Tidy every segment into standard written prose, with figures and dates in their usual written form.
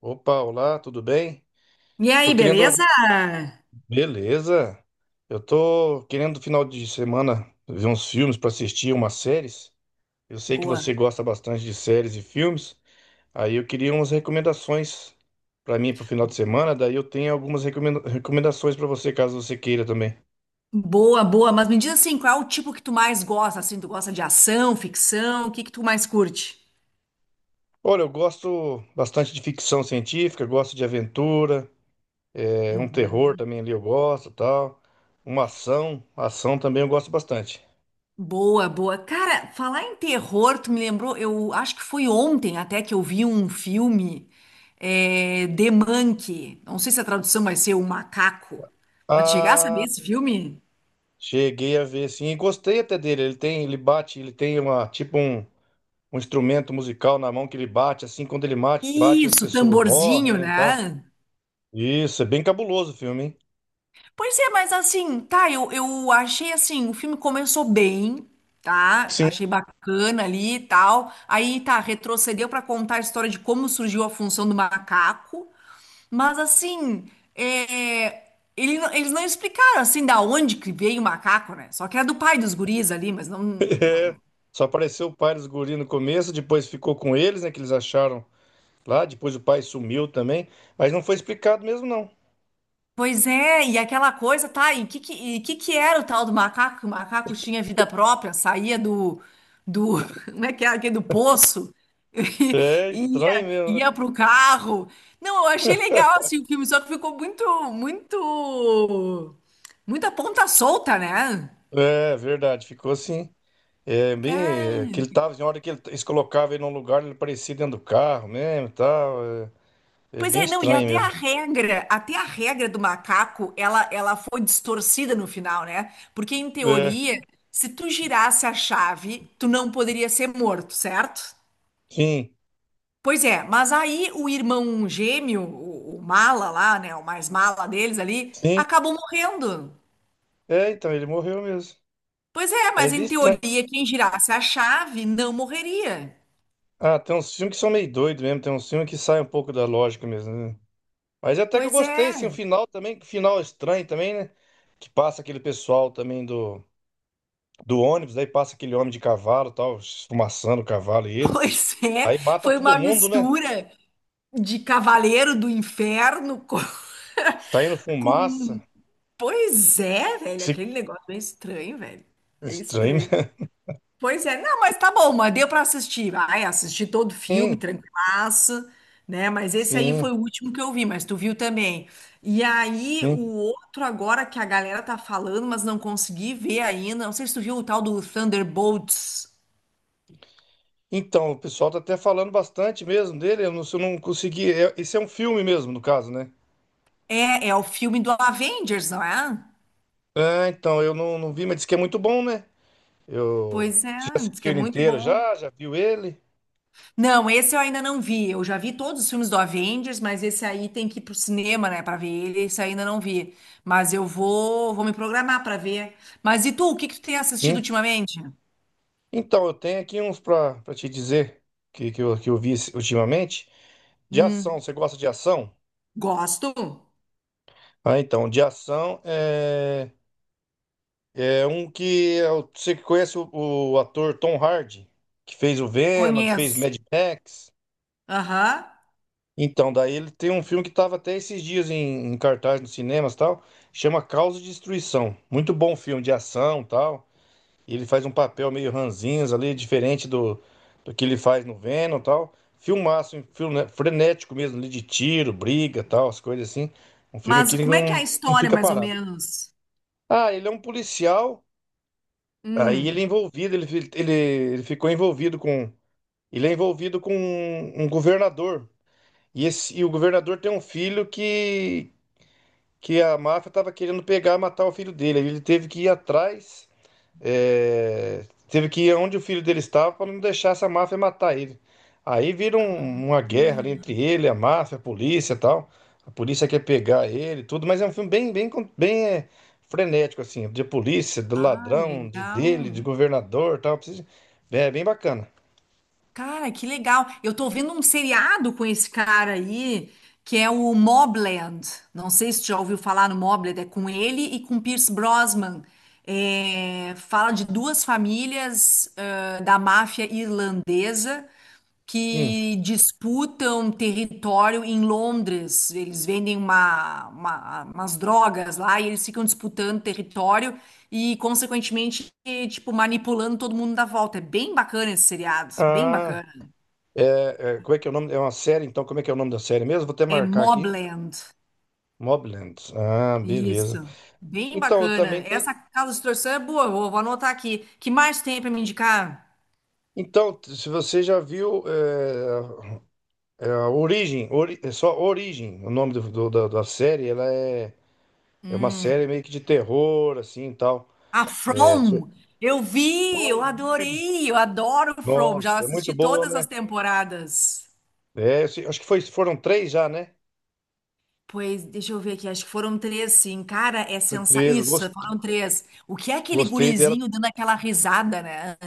Opa, olá, tudo bem? E aí, Tô querendo. beleza? Beleza. Eu tô querendo final de semana ver uns filmes para assistir, umas séries. Eu sei que você Boa. gosta bastante de séries e filmes. Aí eu queria umas recomendações para mim pro final de semana. Daí eu tenho algumas recomendações para você, caso você queira também. Boa, boa. Mas me diz assim, qual é o tipo que tu mais gosta? Assim, tu gosta de ação, ficção? O que que tu mais curte? Olha, eu gosto bastante de ficção científica, gosto de aventura, um Uhum. terror também ali eu gosto, tal. Uma ação, ação também eu gosto bastante. Boa, boa. Cara, falar em terror, tu me lembrou, eu acho que foi ontem até que eu vi um filme, The Monkey. Não sei se a tradução vai ser O Macaco. Mas tu chegasse a ver Ah, esse filme? cheguei a ver, sim, e gostei até dele. Ele tem, ele bate, ele tem uma um instrumento musical na mão que ele bate, assim, quando ele bate, bate as Isso, pessoas morrem, tamborzinho, né, e tal. né? Isso, é bem cabuloso o filme, hein? Pois é, mas assim, tá, eu achei assim, o filme começou bem, tá? Sim. Achei bacana ali e tal. Aí, tá, retrocedeu pra contar a história de como surgiu a função do macaco. Mas assim, é, eles não explicaram assim da onde que veio o macaco, né? Só que era do pai dos guris ali, mas não, É. não- Só apareceu o pai dos guris no começo, depois ficou com eles, né, que eles acharam lá, depois o pai sumiu também, mas não foi explicado mesmo, não. Pois é, e aquela coisa, tá, e que que era o tal do macaco? Que o macaco tinha vida própria, saía do, como é que era, aquele do poço, É e estranho ia, mesmo, né? ia pro carro. Não, eu achei legal, assim, o filme, só que ficou muito, muita ponta solta, né? É verdade, ficou assim. É bem que Cara. ele tava, na hora que eles colocavam ele num lugar, ele aparecia dentro do carro mesmo e tal. É. É Pois bem é, não, e estranho mesmo. Até a regra do macaco, ela foi distorcida no final, né? Porque em É, teoria, se tu girasse a chave, tu não poderia ser morto, certo? sim, Pois é, mas aí o irmão gêmeo, o mala lá, né, o mais mala deles ali, sim. acabou morrendo. É, então, ele morreu mesmo. Pois é, É mas bem em estranho. teoria, quem girasse a chave não morreria. Ah, tem uns filmes que são meio doidos mesmo, tem uns filmes que saem um pouco da lógica mesmo, né? Mas até que eu Pois gostei, sim, o é. final também, que final estranho também, né? Que passa aquele pessoal também do ônibus, daí passa aquele homem de cavalo, tal, esfumaçando o cavalo e ele. Pois é, Aí mata foi todo uma mundo, né? mistura de Cavaleiro do Inferno com, Tá indo fumaça. com- Pois é, Que velho, se- aquele negócio meio estranho, velho. Meio Estranho, estranho. né? Pois é, não, mas tá bom, mas deu pra assistir. Vai, assisti todo o filme, tranquilaço, né? Mas esse aí Sim, sim. foi o último que eu vi, mas tu viu também. E aí, o Sim. outro agora que a galera tá falando, mas não consegui ver ainda. Não sei se tu viu o tal do Thunderbolts. Então, o pessoal tá até falando bastante mesmo dele. Eu não, se eu não consegui. Esse é um filme mesmo, no caso, né? É o filme do Avengers, não é? Ah, então, eu não, não vi, mas diz que é muito bom, né? Eu. Pois é, Você já diz que assistiu é ele muito inteiro bom. já? Já viu ele? Não, esse eu ainda não vi. Eu já vi todos os filmes do Avengers, mas esse aí tem que ir pro cinema, né, pra ver ele. Esse eu ainda não vi. Mas eu vou me programar pra ver. Mas e tu, o que que tu tem assistido Sim. ultimamente? Então, eu tenho aqui uns pra te dizer que eu vi ultimamente. De ação, Hum, você gosta de ação? gosto. Ah, então, de ação é. Você que conhece o ator Tom Hardy, que fez o Venom, que fez Conheço. Mad Max. Aham. Então, daí ele tem um filme que estava até esses dias em cartaz nos cinemas e tal, chama Causa e Destruição. Muito bom filme de ação e tal. E ele faz um papel meio ranzinhos ali, diferente do que ele faz no Venom e tal. Filmaço, um filme, né, frenético mesmo, ali de tiro, briga e tal, as coisas assim. Um filme Mas que ele como é que não, é a não história, fica mais ou parado. menos? Ah, ele é um policial, Hum. aí ele é envolvido, ele ficou envolvido com. Ele é envolvido com um governador. E, e o governador tem um filho que a máfia estava querendo pegar, matar o filho dele. Aí ele teve que ir atrás, é, teve que ir onde o filho dele estava para não deixar essa máfia matar ele. Aí vira Ah, uma guerra ali entre ele, a máfia, a polícia e tal. A polícia quer pegar ele, e tudo, mas é um filme bem, bem, con- bem é, frenético, assim, de polícia, do ah, ladrão, de dele, de legal. governador, e tal. Precisa- É bem bacana. Cara, que legal. Eu tô vendo um seriado com esse cara aí, que é o Mobland. Não sei se tu já ouviu falar no Mobland, é com ele e com Pierce Brosnan. É, fala de duas famílias, da máfia irlandesa Sim. que disputam território em Londres. Eles vendem umas drogas lá e eles ficam disputando território e, consequentemente, tipo, manipulando todo mundo da volta. É bem bacana esse seriado, bem Ah, bacana. Como é que é o nome? É uma série, então, como é que é o nome da série mesmo? Vou até É marcar aqui. Mobland. Mobland. Ah, beleza. Isso. Bem Então, eu bacana. também tem. Essa Casa de Torção é boa, vou anotar aqui. Que mais tem para me indicar? Então, se você já viu é a Origem, é só Origem, o nome da série, é uma série meio que de terror, assim e tal. A É, você- From. Eu vi, eu adorei, eu adoro From. Nossa, Já é muito assisti boa, todas as né? temporadas. É, eu sei- acho que foi, foram três já, né? Pois, deixa eu ver aqui, acho que foram três, sim. Cara, Foi três, isso, foram três. O que é aquele gostei dela. gurizinho dando aquela risada, né?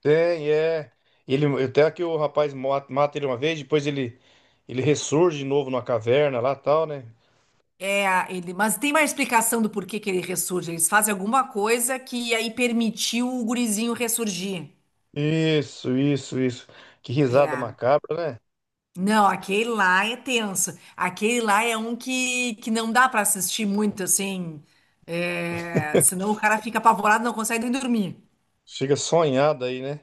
Tem, é. Ele, até que o rapaz mata, mata ele uma vez, ele ressurge de novo numa caverna lá e tal, né? É. Mas tem mais explicação do porquê que ele ressurge. Eles fazem alguma coisa que aí permitiu o gurizinho ressurgir. Isso, isso, isso. Que risada É. macabra, né? Não, aquele lá é tenso. Aquele lá é um que não dá pra assistir muito, assim. É, senão o cara fica apavorado, não consegue nem dormir. Chega sonhada aí, né?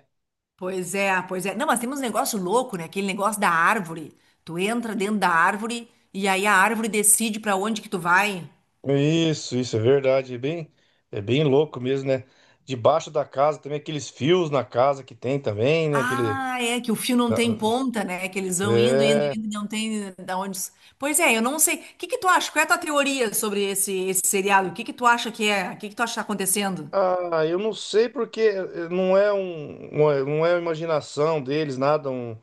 Pois é, pois é. Não, mas temos um negócio louco, né? Aquele negócio da árvore. Tu entra dentro da árvore e aí a árvore decide pra onde que tu vai. Isso é verdade. É bem louco mesmo, né? Debaixo da casa também, aqueles fios na casa que tem também, né? Aquele. Ah, é que o fio não tem Ah, ponta, né? Que eles vão indo, indo, é. indo, e não tem da onde. Pois é, eu não sei. O que que tu acha? Qual é a tua teoria sobre esse seriado? O que que tu acha que é? O que que tu acha que tá acontecendo? Ah, eu não sei porque não é um, não é a imaginação deles, nada,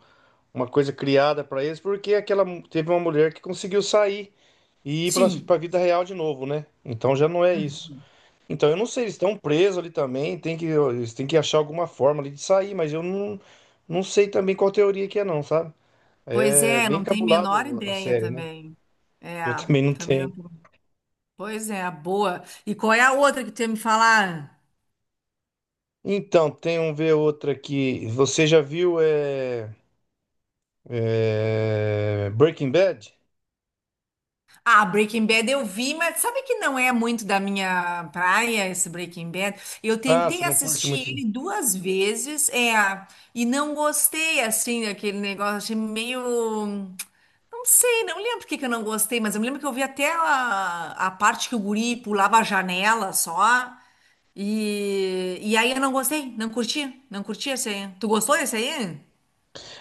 uma coisa criada para eles, porque teve uma mulher que conseguiu sair e ir para a Sim. vida real de novo, né? Então já não é isso. Uhum. Então, eu não sei, eles estão presos ali também, eles têm que achar alguma forma ali de sair, mas eu não, não sei também qual teoria que é não, sabe? Pois É é, bem não tem a menor cabulado a ideia série, né? também. É, Eu também não também não. tenho. Pois é, boa. E qual é a outra que tu ia me falar? Então, tem um ver outra aqui. Você já viu é, Breaking Bad? Ah, Breaking Bad eu vi, mas sabe que não é muito da minha praia esse Breaking Bad? Eu Ah, você tentei não curte assistir muito. ele duas vezes, e não gostei assim daquele negócio, achei meio. Não sei, não lembro por que que eu não gostei, mas eu me lembro que eu vi até a parte que o guri pulava a janela só. E aí eu não gostei, não curti, não curti esse aí. Tu gostou desse aí?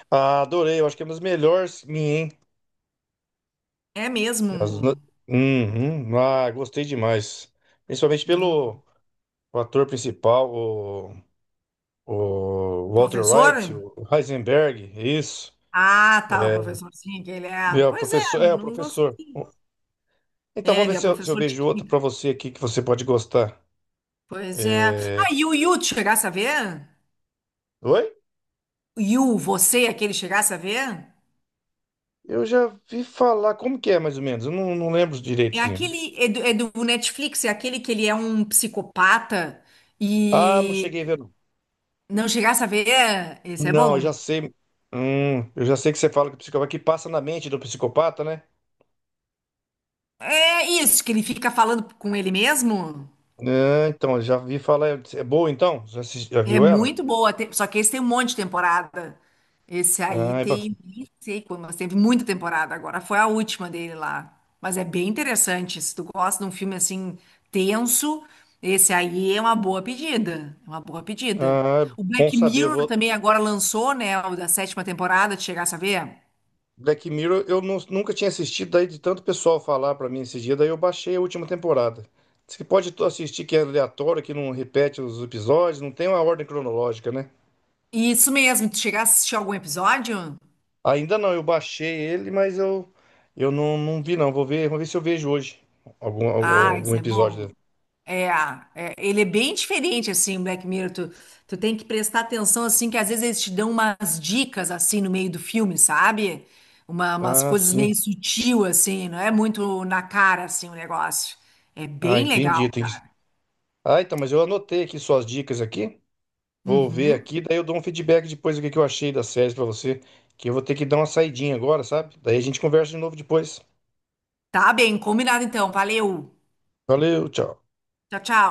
Ah, adorei, eu acho que é uma das melhores minha, hein? É As mesmo? uhum. Ah, gostei demais. Principalmente Hum, pelo o ator principal, o Walter Professor? White, o Heisenberg, é isso. Ah, tá, o professorzinho que ele E, é. ó, o Pois é, professor, eu é, o não professor. gostei. Então É, vamos ele ver é se eu professor de vejo outro para química. você aqui que você pode gostar. Pois é. Ah, É, e o Yu, tu chegasse a ver? oi? O Yu, você, aquele chegasse a ver? Eu já vi falar, como que é mais ou menos? Eu não, não lembro É direitozinho. aquele, é do Netflix, é aquele que ele é um psicopata Ah, não cheguei a e ver. Não, não chegasse a ver? Esse é não, eu bom. já sei. Eu já sei que você fala que o psicopata que passa na mente do psicopata, né? É isso, que ele fica falando com ele mesmo? Ah, então, eu já vi falar. É boa então? Já, já É viu ela? muito boa, só que esse tem um monte de temporada. Esse aí Ah, é ba- tem, nem sei quando, mas teve muita temporada agora. Foi a última dele lá. Mas é bem interessante. Se tu gosta de um filme assim tenso, esse aí é uma boa pedida. É uma boa pedida. ah, é O bom Black saber. Eu Mirror vou, também agora lançou, né? O da sétima temporada, tu chegasse a ver? Black Mirror nunca tinha assistido, daí de tanto pessoal falar pra mim esse dia, daí eu baixei a última temporada. Diz que pode tu assistir que é aleatório, que não repete os episódios, não tem uma ordem cronológica, né? Isso mesmo, tu chegasse a assistir algum episódio? Ainda não, eu baixei ele, eu não, não vi não. Vou ver se eu vejo hoje Ah, algum isso é episódio bom. dele. É, é, ele é bem diferente, assim, o Black Mirror. Tu tem que prestar atenção, assim, que às vezes eles te dão umas dicas, assim, no meio do filme, sabe? Umas Ah, coisas sim. meio sutil, assim, não é muito na cara, assim, o negócio. É Ah, bem legal. entendi. Tem que... Ah, então, mas eu anotei aqui suas dicas aqui. Vou ver Uhum. aqui, daí eu dou um feedback depois do que eu achei da série pra você, que eu vou ter que dar uma saidinha agora, sabe? Daí a gente conversa de novo depois. Tá bem, combinado então. Valeu. Valeu, tchau. Tchau, tchau.